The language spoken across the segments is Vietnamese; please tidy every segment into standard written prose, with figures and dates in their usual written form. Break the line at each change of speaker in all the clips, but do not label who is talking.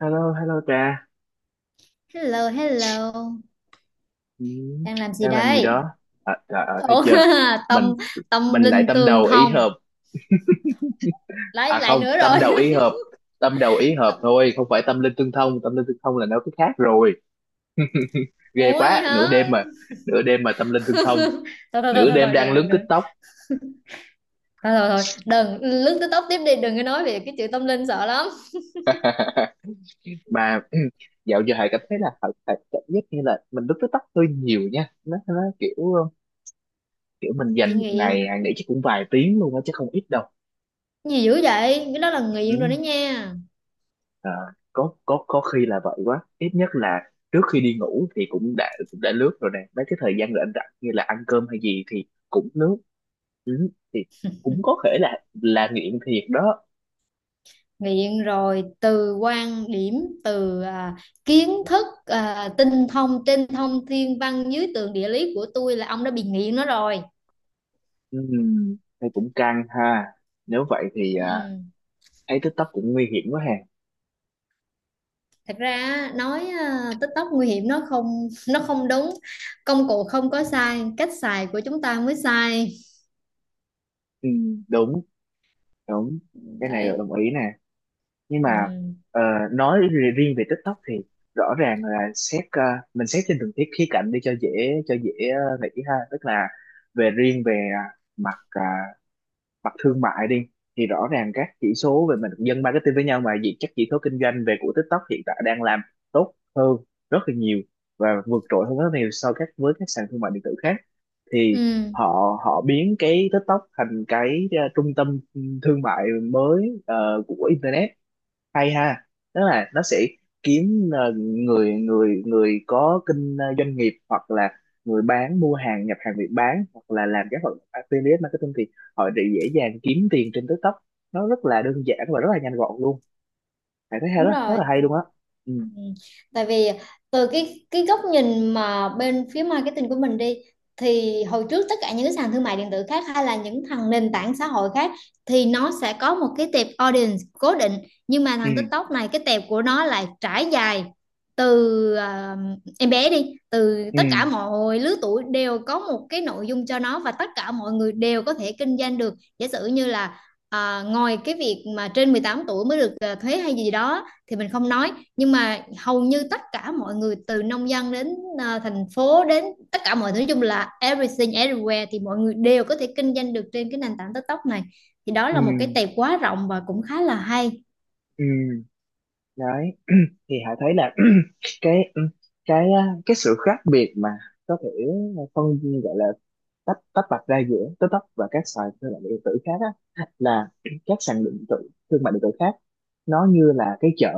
Hello, hello Trà.
Hello, hello.
Ừ,
Đang làm gì
đang làm gì
đây?
đó? À, trời ơi, thấy
Ủa,
chưa?
tâm
Mình
tâm
mình lại
linh
tâm
tường
đầu ý
thông.
hợp.
Lại
À
lại
không,
nữa
tâm đầu
rồi.
ý hợp. Tâm đầu ý hợp
Tông-
thôi, không phải tâm linh tương thông. Tâm linh tương thông là nó cái khác rồi. Ghê
Ủa vậy
quá, nửa đêm
hả?
mà. Nửa đêm mà tâm linh tương
Thôi
thông.
thôi thôi
Nửa
thôi
đêm
thôi, đừng
đang lướt
đừng đừng.
TikTok.
Thôi thôi thôi, đừng lướt tới tóc tiếp đi, đừng có nói về cái chữ tâm linh sợ lắm.
Mà dạo giờ Hải cảm thấy là Hải cảm giác như là mình lướt TikTok hơi nhiều nha. Nó kiểu kiểu mình
Bị
dành một ngày
nghiện.
Hải nghĩ chắc cũng vài tiếng luôn á, chứ không ít đâu.
Gì dữ vậy? Cái đó là nghiện rồi
Ừ.
đó nha.
Ờ, có khi là vậy quá, ít nhất là trước khi đi ngủ thì cũng đã lướt rồi nè, mấy cái thời gian rảnh rảnh như là ăn cơm hay gì thì cũng lướt, thì cũng có thể là nghiện thiệt đó.
Nghiện rồi, từ quan điểm, từ kiến thức, tinh thông trên thông thiên văn dưới tường địa lý của tôi là ông đã bị nghiện nó rồi.
Ừm, thì cũng căng ha, nếu vậy thì
Ừ.
thấy TikTok cũng nguy hiểm quá ha.
Thật ra nói tích tóc nguy hiểm nó không nó không đúng. Công cụ không có sai, cách xài của chúng ta mới sai
Đúng, đúng, cái này là
đấy.
đồng ý nè, nhưng mà
Ừ.
ờ, nói riêng về TikTok thì rõ ràng là mình xét trên từng thiết khía cạnh đi cho dễ nghĩ ha, tức là về mặt à, mặt thương mại đi thì rõ ràng các chỉ số, về mình dân marketing với nhau mà gì, các chỉ số kinh doanh của TikTok hiện tại đang làm tốt hơn rất là nhiều và vượt trội hơn rất nhiều so với các sàn thương mại điện tử khác, thì
Ừ,
họ họ biến cái TikTok thành cái trung tâm thương mại mới của internet, hay ha. Tức là nó sẽ kiếm người người người có doanh nghiệp hoặc là người bán mua hàng, nhập hàng Việt bán hoặc là làm các hoạt động affiliate marketing, thì họ sẽ dễ dàng kiếm tiền trên TikTok. Nó rất là đơn giản và rất là nhanh gọn luôn, bạn thấy hay
đúng
đó, rất
rồi.
là hay luôn á. Ừ,
Ừ. Tại vì từ cái góc nhìn mà bên phía marketing của mình đi, thì hồi trước tất cả những cái sàn thương mại điện tử khác hay là những thằng nền tảng xã hội khác thì nó sẽ có một cái tệp audience cố định, nhưng mà
ừ,
thằng TikTok này cái tệp của nó lại trải dài từ em bé đi, từ
ừ,
tất cả mọi lứa tuổi đều có một cái nội dung cho nó, và tất cả mọi người đều có thể kinh doanh được. Giả sử như là ngoài cái việc mà trên 18 tuổi mới được, thuế hay gì đó thì mình không nói, nhưng mà hầu như tất cả mọi người từ nông dân đến thành phố, đến tất cả mọi thứ, nói chung là everything everywhere, thì mọi người đều có thể kinh doanh được trên cái nền tảng TikTok này. Thì đó
ừ,
là một cái tệp quá rộng và cũng khá là hay.
ừ. Đấy thì Hải thấy là cái cái cái sự khác biệt mà có thể phân gọi là tách tách bạch ra giữa TikTok và các sàn thương mại điện tử khác á, là các sàn điện tử thương mại điện tử khác nó như là cái chợ,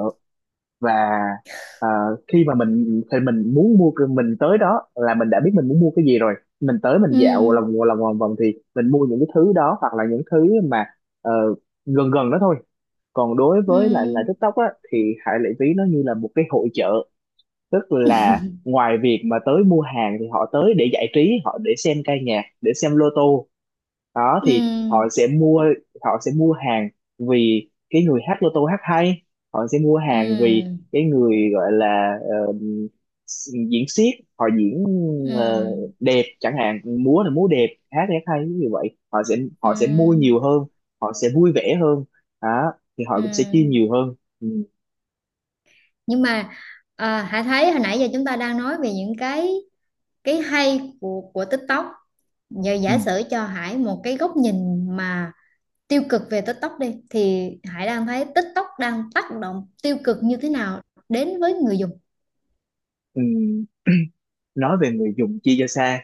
và ờ, khi mà mình thì mình muốn mua cái- mình tới đó là mình đã biết mình muốn mua cái gì rồi. Mình tới, mình dạo
Ừ,
lòng vòng vòng thì mình mua những cái thứ đó, hoặc là những thứ mà ờ, gần gần đó thôi. Còn đối với lại là
ừ,
TikTok á thì Hải Lệ Ví nó như là một cái hội chợ, tức là ngoài việc mà tới mua hàng thì họ tới để giải trí, họ để xem ca nhạc, để xem lô tô, đó
ừ,
thì họ sẽ mua hàng vì cái người hát lô tô hát hay, họ sẽ mua hàng vì
ừ,
cái người gọi là diễn xiếc, họ diễn
ừ,
ờ, đẹp chẳng hạn, múa là múa đẹp, hát thì hát hay, như vậy họ sẽ mua nhiều
ừ,
hơn, họ sẽ vui vẻ hơn, đó thì
ừ.
họ cũng sẽ chi nhiều hơn, ừ.
Nhưng mà Hải thấy hồi nãy giờ chúng ta đang nói về những cái cái hay của TikTok. Giờ
Ừ.
giả sử cho Hải một cái góc nhìn mà tiêu cực về TikTok đi, thì Hải đang thấy TikTok đang tác động tiêu cực như thế nào đến với người dùng?
Ừ. Nói về người dùng chia cho xa,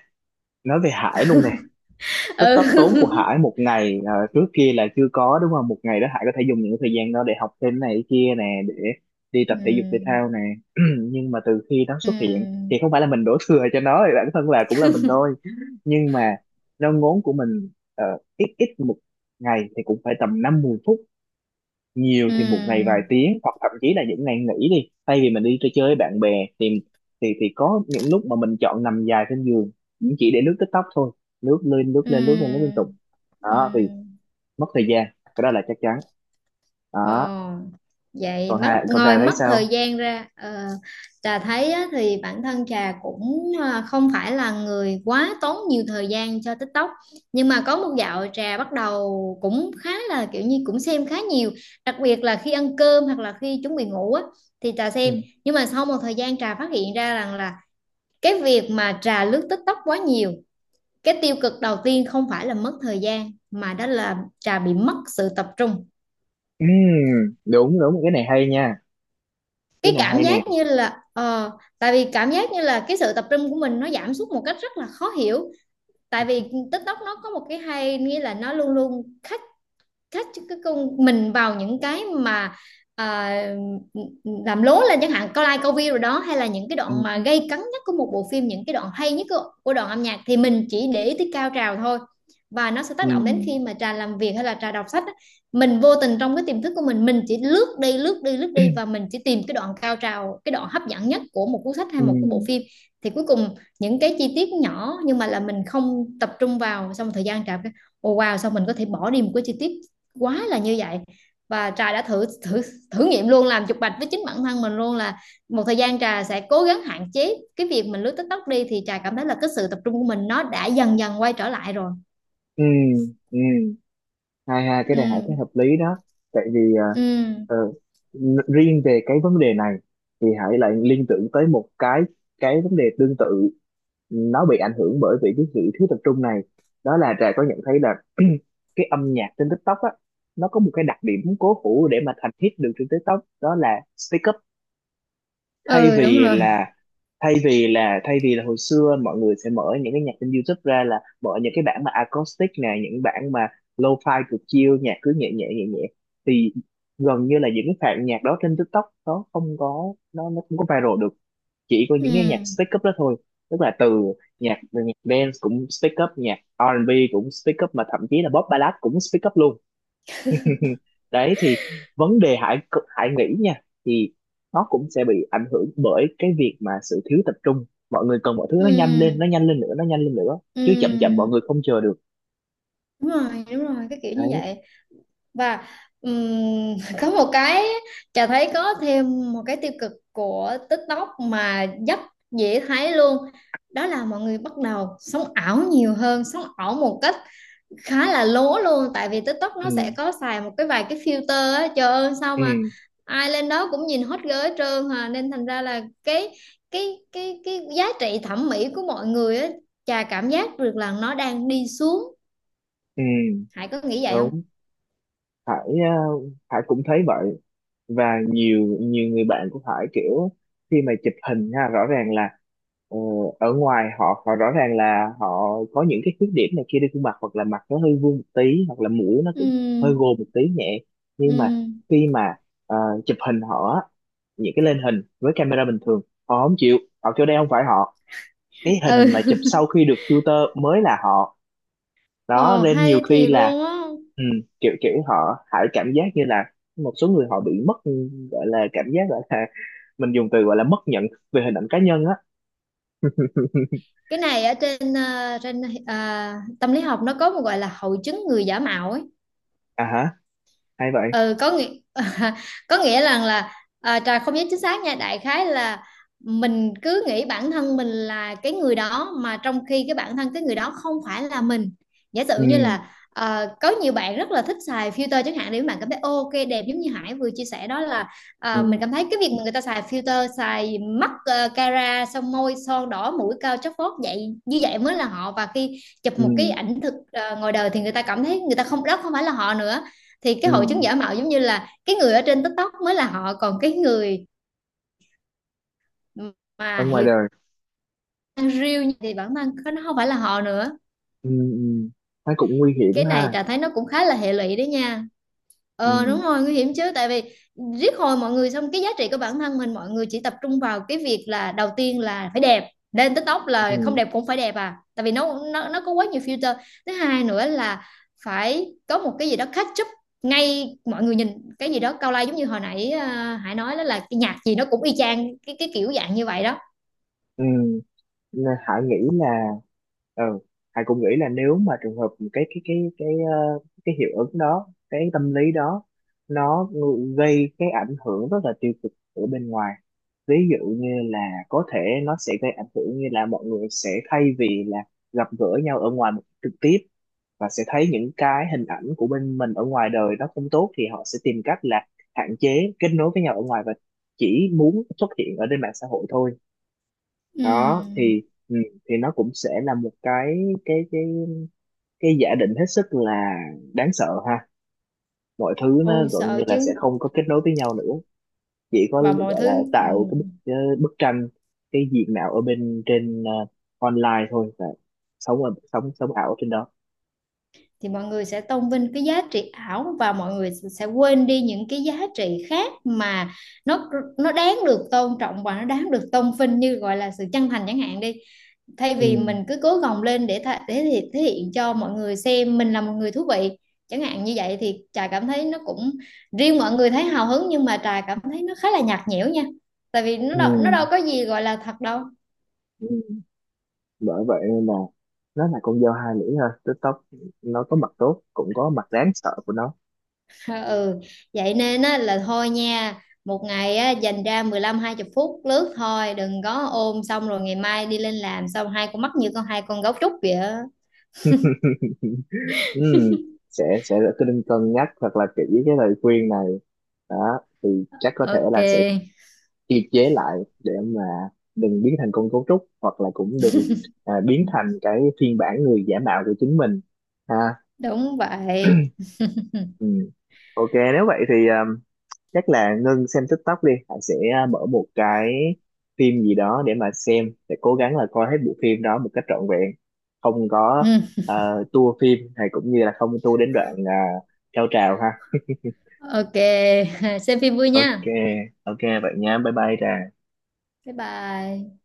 nói về Hải luôn nè, tích
Ừ.
tóc tốn của Hải một ngày, trước kia là chưa có đúng không, một ngày đó Hải có thể dùng những thời gian đó để học thêm này kia nè, để đi tập thể dục thể
Ừm.
thao nè. Nhưng mà từ khi nó xuất hiện
Ừm.
thì không phải là mình đổ thừa cho nó, thì bản thân là cũng là mình thôi. Nhưng mà nó ngốn của mình ít ít. Một ngày thì cũng phải tầm 5-10 phút, nhiều thì một ngày vài
Ừm.
tiếng, hoặc thậm chí là những ngày nghỉ, đi thay vì mình đi chơi chơi với bạn bè thì thì có những lúc mà mình chọn nằm dài trên giường cũng chỉ để lướt TikTok thôi, lướt lên lướt lên lướt lên lướt liên tục,
Ừm.
đó thì
Ừm.
mất thời gian, cái đó là chắc chắn đó.
Ồ, vậy
Còn
mất
hai con ra
ngồi
thấy
mất thời
sao?
gian ra. Ờ, Trà thấy á, thì bản thân trà cũng không phải là người quá tốn nhiều thời gian cho TikTok, nhưng mà có một dạo trà bắt đầu cũng khá là kiểu như cũng xem khá nhiều, đặc biệt là khi ăn cơm hoặc là khi chuẩn bị ngủ á, thì trà
Ừ.
xem. Nhưng mà sau một thời gian trà phát hiện ra rằng là cái việc mà trà lướt TikTok quá nhiều, cái tiêu cực đầu tiên không phải là mất thời gian mà đó là trà bị mất sự tập trung.
Ừ, đúng, đúng, cái này hay nha, cái
Cái
này
cảm
hay nè.
giác như là tại vì cảm giác như là cái sự tập trung của mình nó giảm sút một cách rất là khó hiểu. Tại vì TikTok nó có một cái hay, nghĩa là nó luôn luôn khách, khách cái con mình vào những cái mà à, làm lố lên chẳng hạn, câu like câu view rồi đó, hay là những cái
Ừ.
đoạn mà gây cấn nhất của một bộ phim, những cái đoạn hay nhất của đoạn âm nhạc, thì mình chỉ để ý tới cao trào thôi. Và nó sẽ
Ừ.
tác động đến khi mà trà làm việc hay là trà đọc sách á, mình vô tình trong cái tiềm thức của mình chỉ lướt đi lướt đi lướt
Ừ.
đi và mình chỉ tìm cái đoạn cao trào, cái đoạn hấp dẫn nhất của một cuốn sách hay
Ừ.
một cái bộ phim. Thì cuối cùng những cái chi tiết nhỏ nhưng mà là mình không tập trung vào, xong thời gian trà cái Ồ wow, sao mình có thể bỏ đi một cái chi tiết quá là như vậy. Và trà đã thử thử thử nghiệm luôn, làm chụp bạch với chính bản thân mình luôn là một thời gian trà sẽ cố gắng hạn chế cái việc mình lướt TikTok đi, thì trà cảm thấy là cái sự tập trung của mình nó đã dần dần quay trở lại rồi.
Ừ. Ừ. hai hai cái
Ừ,
này Hải thấy hợp lý đó, tại vì
ừ,
ờ, riêng về cái vấn đề này thì Hải lại liên tưởng tới một cái vấn đề tương tự, nó bị ảnh hưởng bởi vì cái sự thiếu tập trung này. Đó là Trà có nhận thấy là cái âm nhạc trên TikTok á, nó có một cái đặc điểm cố hữu để mà thành hit được trên TikTok, đó là speak up, thay
ừ, đúng
vì
rồi.
là thay vì là thay vì là hồi xưa mọi người sẽ mở những cái nhạc trên YouTube ra là mở những cái bản mà acoustic nè, những bản mà lo-fi cực chill, nhạc cứ nhẹ nhẹ nhẹ nhẹ, thì gần như là những cái phạt nhạc đó trên TikTok nó không có viral được, chỉ có
Ừ,
những cái nhạc speak up đó thôi. Tức là từ nhạc nhạc dance cũng speak up, nhạc R&B cũng speak up, mà thậm chí là pop ballad cũng speak up luôn. Ừ. Đấy thì vấn đề Hải Hải nghĩ nha, thì nó cũng sẽ bị ảnh hưởng bởi cái việc mà sự thiếu tập trung, mọi người cần mọi thứ nó nhanh lên, nó
ừ,
nhanh lên nữa, nó nhanh lên nữa chứ, chậm chậm
ừ,
mọi người không chờ được.
đúng rồi, đúng rồi, cái kiểu như
Đấy.
vậy. Và có một cái, Trà thấy có thêm một cái tiêu cực của TikTok mà rất dễ thấy luôn, đó là mọi người bắt đầu sống ảo nhiều hơn, sống ảo một cách khá là lố luôn. Tại vì TikTok nó sẽ
Ừ,
có xài một cái, vài cái filter á, trời ơi sao mà
ừ,
ai lên đó cũng nhìn hot girl hết trơn hà, nên thành ra là cái giá trị thẩm mỹ của mọi người á, Trà cảm giác được là nó đang đi xuống.
ừ,
Hải có nghĩ vậy không?
đúng. Hải ờ, Hải cũng thấy vậy, và nhiều nhiều người bạn cũng phải kiểu khi mà chụp hình ha, rõ ràng là ờ, ở ngoài, họ họ rõ ràng là họ có những cái khuyết điểm này kia trên khuôn mặt, hoặc là mặt nó hơi vuông một tí, hoặc là mũi nó cũng hơi gồ
Ừ,
một tí nhẹ, nhưng mà
ừ.
khi mà ờ, chụp hình họ á, những cái lên hình với camera bình thường họ không chịu, họ kêu đây không phải họ, cái
Ừ.
hình mà chụp sau khi được filter mới là họ, đó
Ồ
nên nhiều
hay
khi
thiệt
là
luôn á.
ừ, kiểu kiểu họ hại, cảm giác như là một số người họ bị mất, gọi là cảm giác, gọi là mình dùng từ gọi là mất nhận về hình ảnh cá nhân á.
Cái này ở trên trên tâm lý học nó có một gọi là hội chứng người giả mạo ấy.
À hả, hay vậy.
Ừ, có nghĩa có nghĩa rằng là trà không nhớ chính xác nha, đại khái là mình cứ nghĩ bản thân mình là cái người đó mà trong khi cái bản thân cái người đó không phải là mình. Giả
Ừ,
sử như là có nhiều bạn rất là thích xài filter chẳng hạn, để các bạn cảm thấy "Ô, ok đẹp", giống như Hải vừa chia sẻ đó, là
ừ,
mình cảm thấy cái việc mà người ta xài filter xài mắt cara, xong môi son đỏ, mũi cao chóp phốt vậy, như vậy mới là họ, và khi chụp
ừ,
một cái ảnh thực ngoài đời thì người ta cảm thấy người ta không, đó không phải là họ nữa. Thì cái
ừ.
hội chứng giả mạo giống như là cái người ở trên TikTok mới là họ, còn cái người
Ở
mà
ngoài
hiện
đời.
đang real thì bản thân nó không phải là họ nữa.
Ừ, ừ. Nó cũng nguy hiểm
Cái này
ha.
Trà thấy nó cũng khá là hệ lụy đấy nha. Ờ, đúng
Ừ,
rồi, nguy hiểm chứ, tại vì riết hồi mọi người, xong cái giá trị của bản thân mình, mọi người chỉ tập trung vào cái việc là đầu tiên là phải đẹp, lên TikTok là không
ừ,
đẹp cũng phải đẹp, à tại vì nó có quá nhiều filter. Thứ hai nữa là phải có một cái gì đó catch up ngay, mọi người nhìn cái gì đó cao lai, giống như hồi nãy Hải nói đó, là cái nhạc gì nó cũng y chang cái kiểu dạng như vậy đó.
ừ. Nên Hải nghĩ là. Ừ. Hải cũng nghĩ là nếu mà trường hợp cái cái cái cái ờ, cái hiệu ứng đó, cái tâm lý đó, nó gây cái ảnh hưởng rất là tiêu cực ở bên ngoài, ví dụ như là có thể nó sẽ gây ảnh hưởng như là mọi người sẽ thay vì là gặp gỡ nhau ở ngoài một cách trực tiếp và sẽ thấy những cái hình ảnh của bên mình ở ngoài đời nó không tốt, thì họ sẽ tìm cách là hạn chế kết nối với nhau ở ngoài và chỉ muốn xuất hiện ở trên mạng xã hội thôi. Đó
Ừm,
thì ừ, thì nó cũng sẽ là một cái cái cái giả định hết sức là đáng sợ ha, mọi thứ nó
ôi
gần
sợ
như là sẽ
chứ.
không có kết nối với nhau nữa, chỉ có
Và mọi
gọi là
thứ. Ừ.
tạo cái bức tranh, cái diện mạo ở bên trên online thôi, và sống ảo ở trên đó.
Thì mọi người sẽ tôn vinh cái giá trị ảo, và mọi người sẽ quên đi những cái giá trị khác mà nó nó đáng được tôn trọng và nó đáng được tôn vinh, như gọi là sự chân thành chẳng hạn đi, thay
Ừ,
vì mình cứ cố gồng lên để để thể hiện cho mọi người xem mình là một người thú vị, chẳng hạn như vậy. Thì trà cảm thấy nó cũng, riêng mọi người thấy hào hứng nhưng mà trà cảm thấy nó khá là nhạt nhẽo nha, tại vì nó
ừ,
đâu, nó đâu có gì gọi là thật đâu.
ừ. Bởi vậy nên là nó là con dao hai lưỡi ha, TikTok, nó có mặt tốt cũng có mặt đáng sợ của nó.
Ờ, ừ, vậy nên á, là thôi nha, một ngày á, dành ra 15, hai 20 phút lướt thôi, đừng có ôm xong rồi ngày mai đi lên làm, xong hai con mắt như con, hai con gấu trúc vậy á.
Ừ, sẽ tôi nên cân nhắc thật là kỹ cái lời khuyên này, đó thì chắc có thể
Ok,
là sẽ kiềm chế lại để mà đừng biến thành con cấu trúc, hoặc là cũng đừng biến thành cái phiên bản người giả mạo của chính mình ha.
đúng vậy.
Ừ. Ok, nếu vậy thì chắc là Ngân xem TikTok đi, Hải sẽ mở một cái phim gì đó để mà xem, để cố gắng là coi hết bộ phim đó một cách trọn vẹn, không có
Ừ.
tua phim hay cũng như là không tua đến đoạn cao trào ha.
Ok. Xem phim vui
Ok.
nha.
Ok vậy nhá, bye bye Trà.
Bye bye.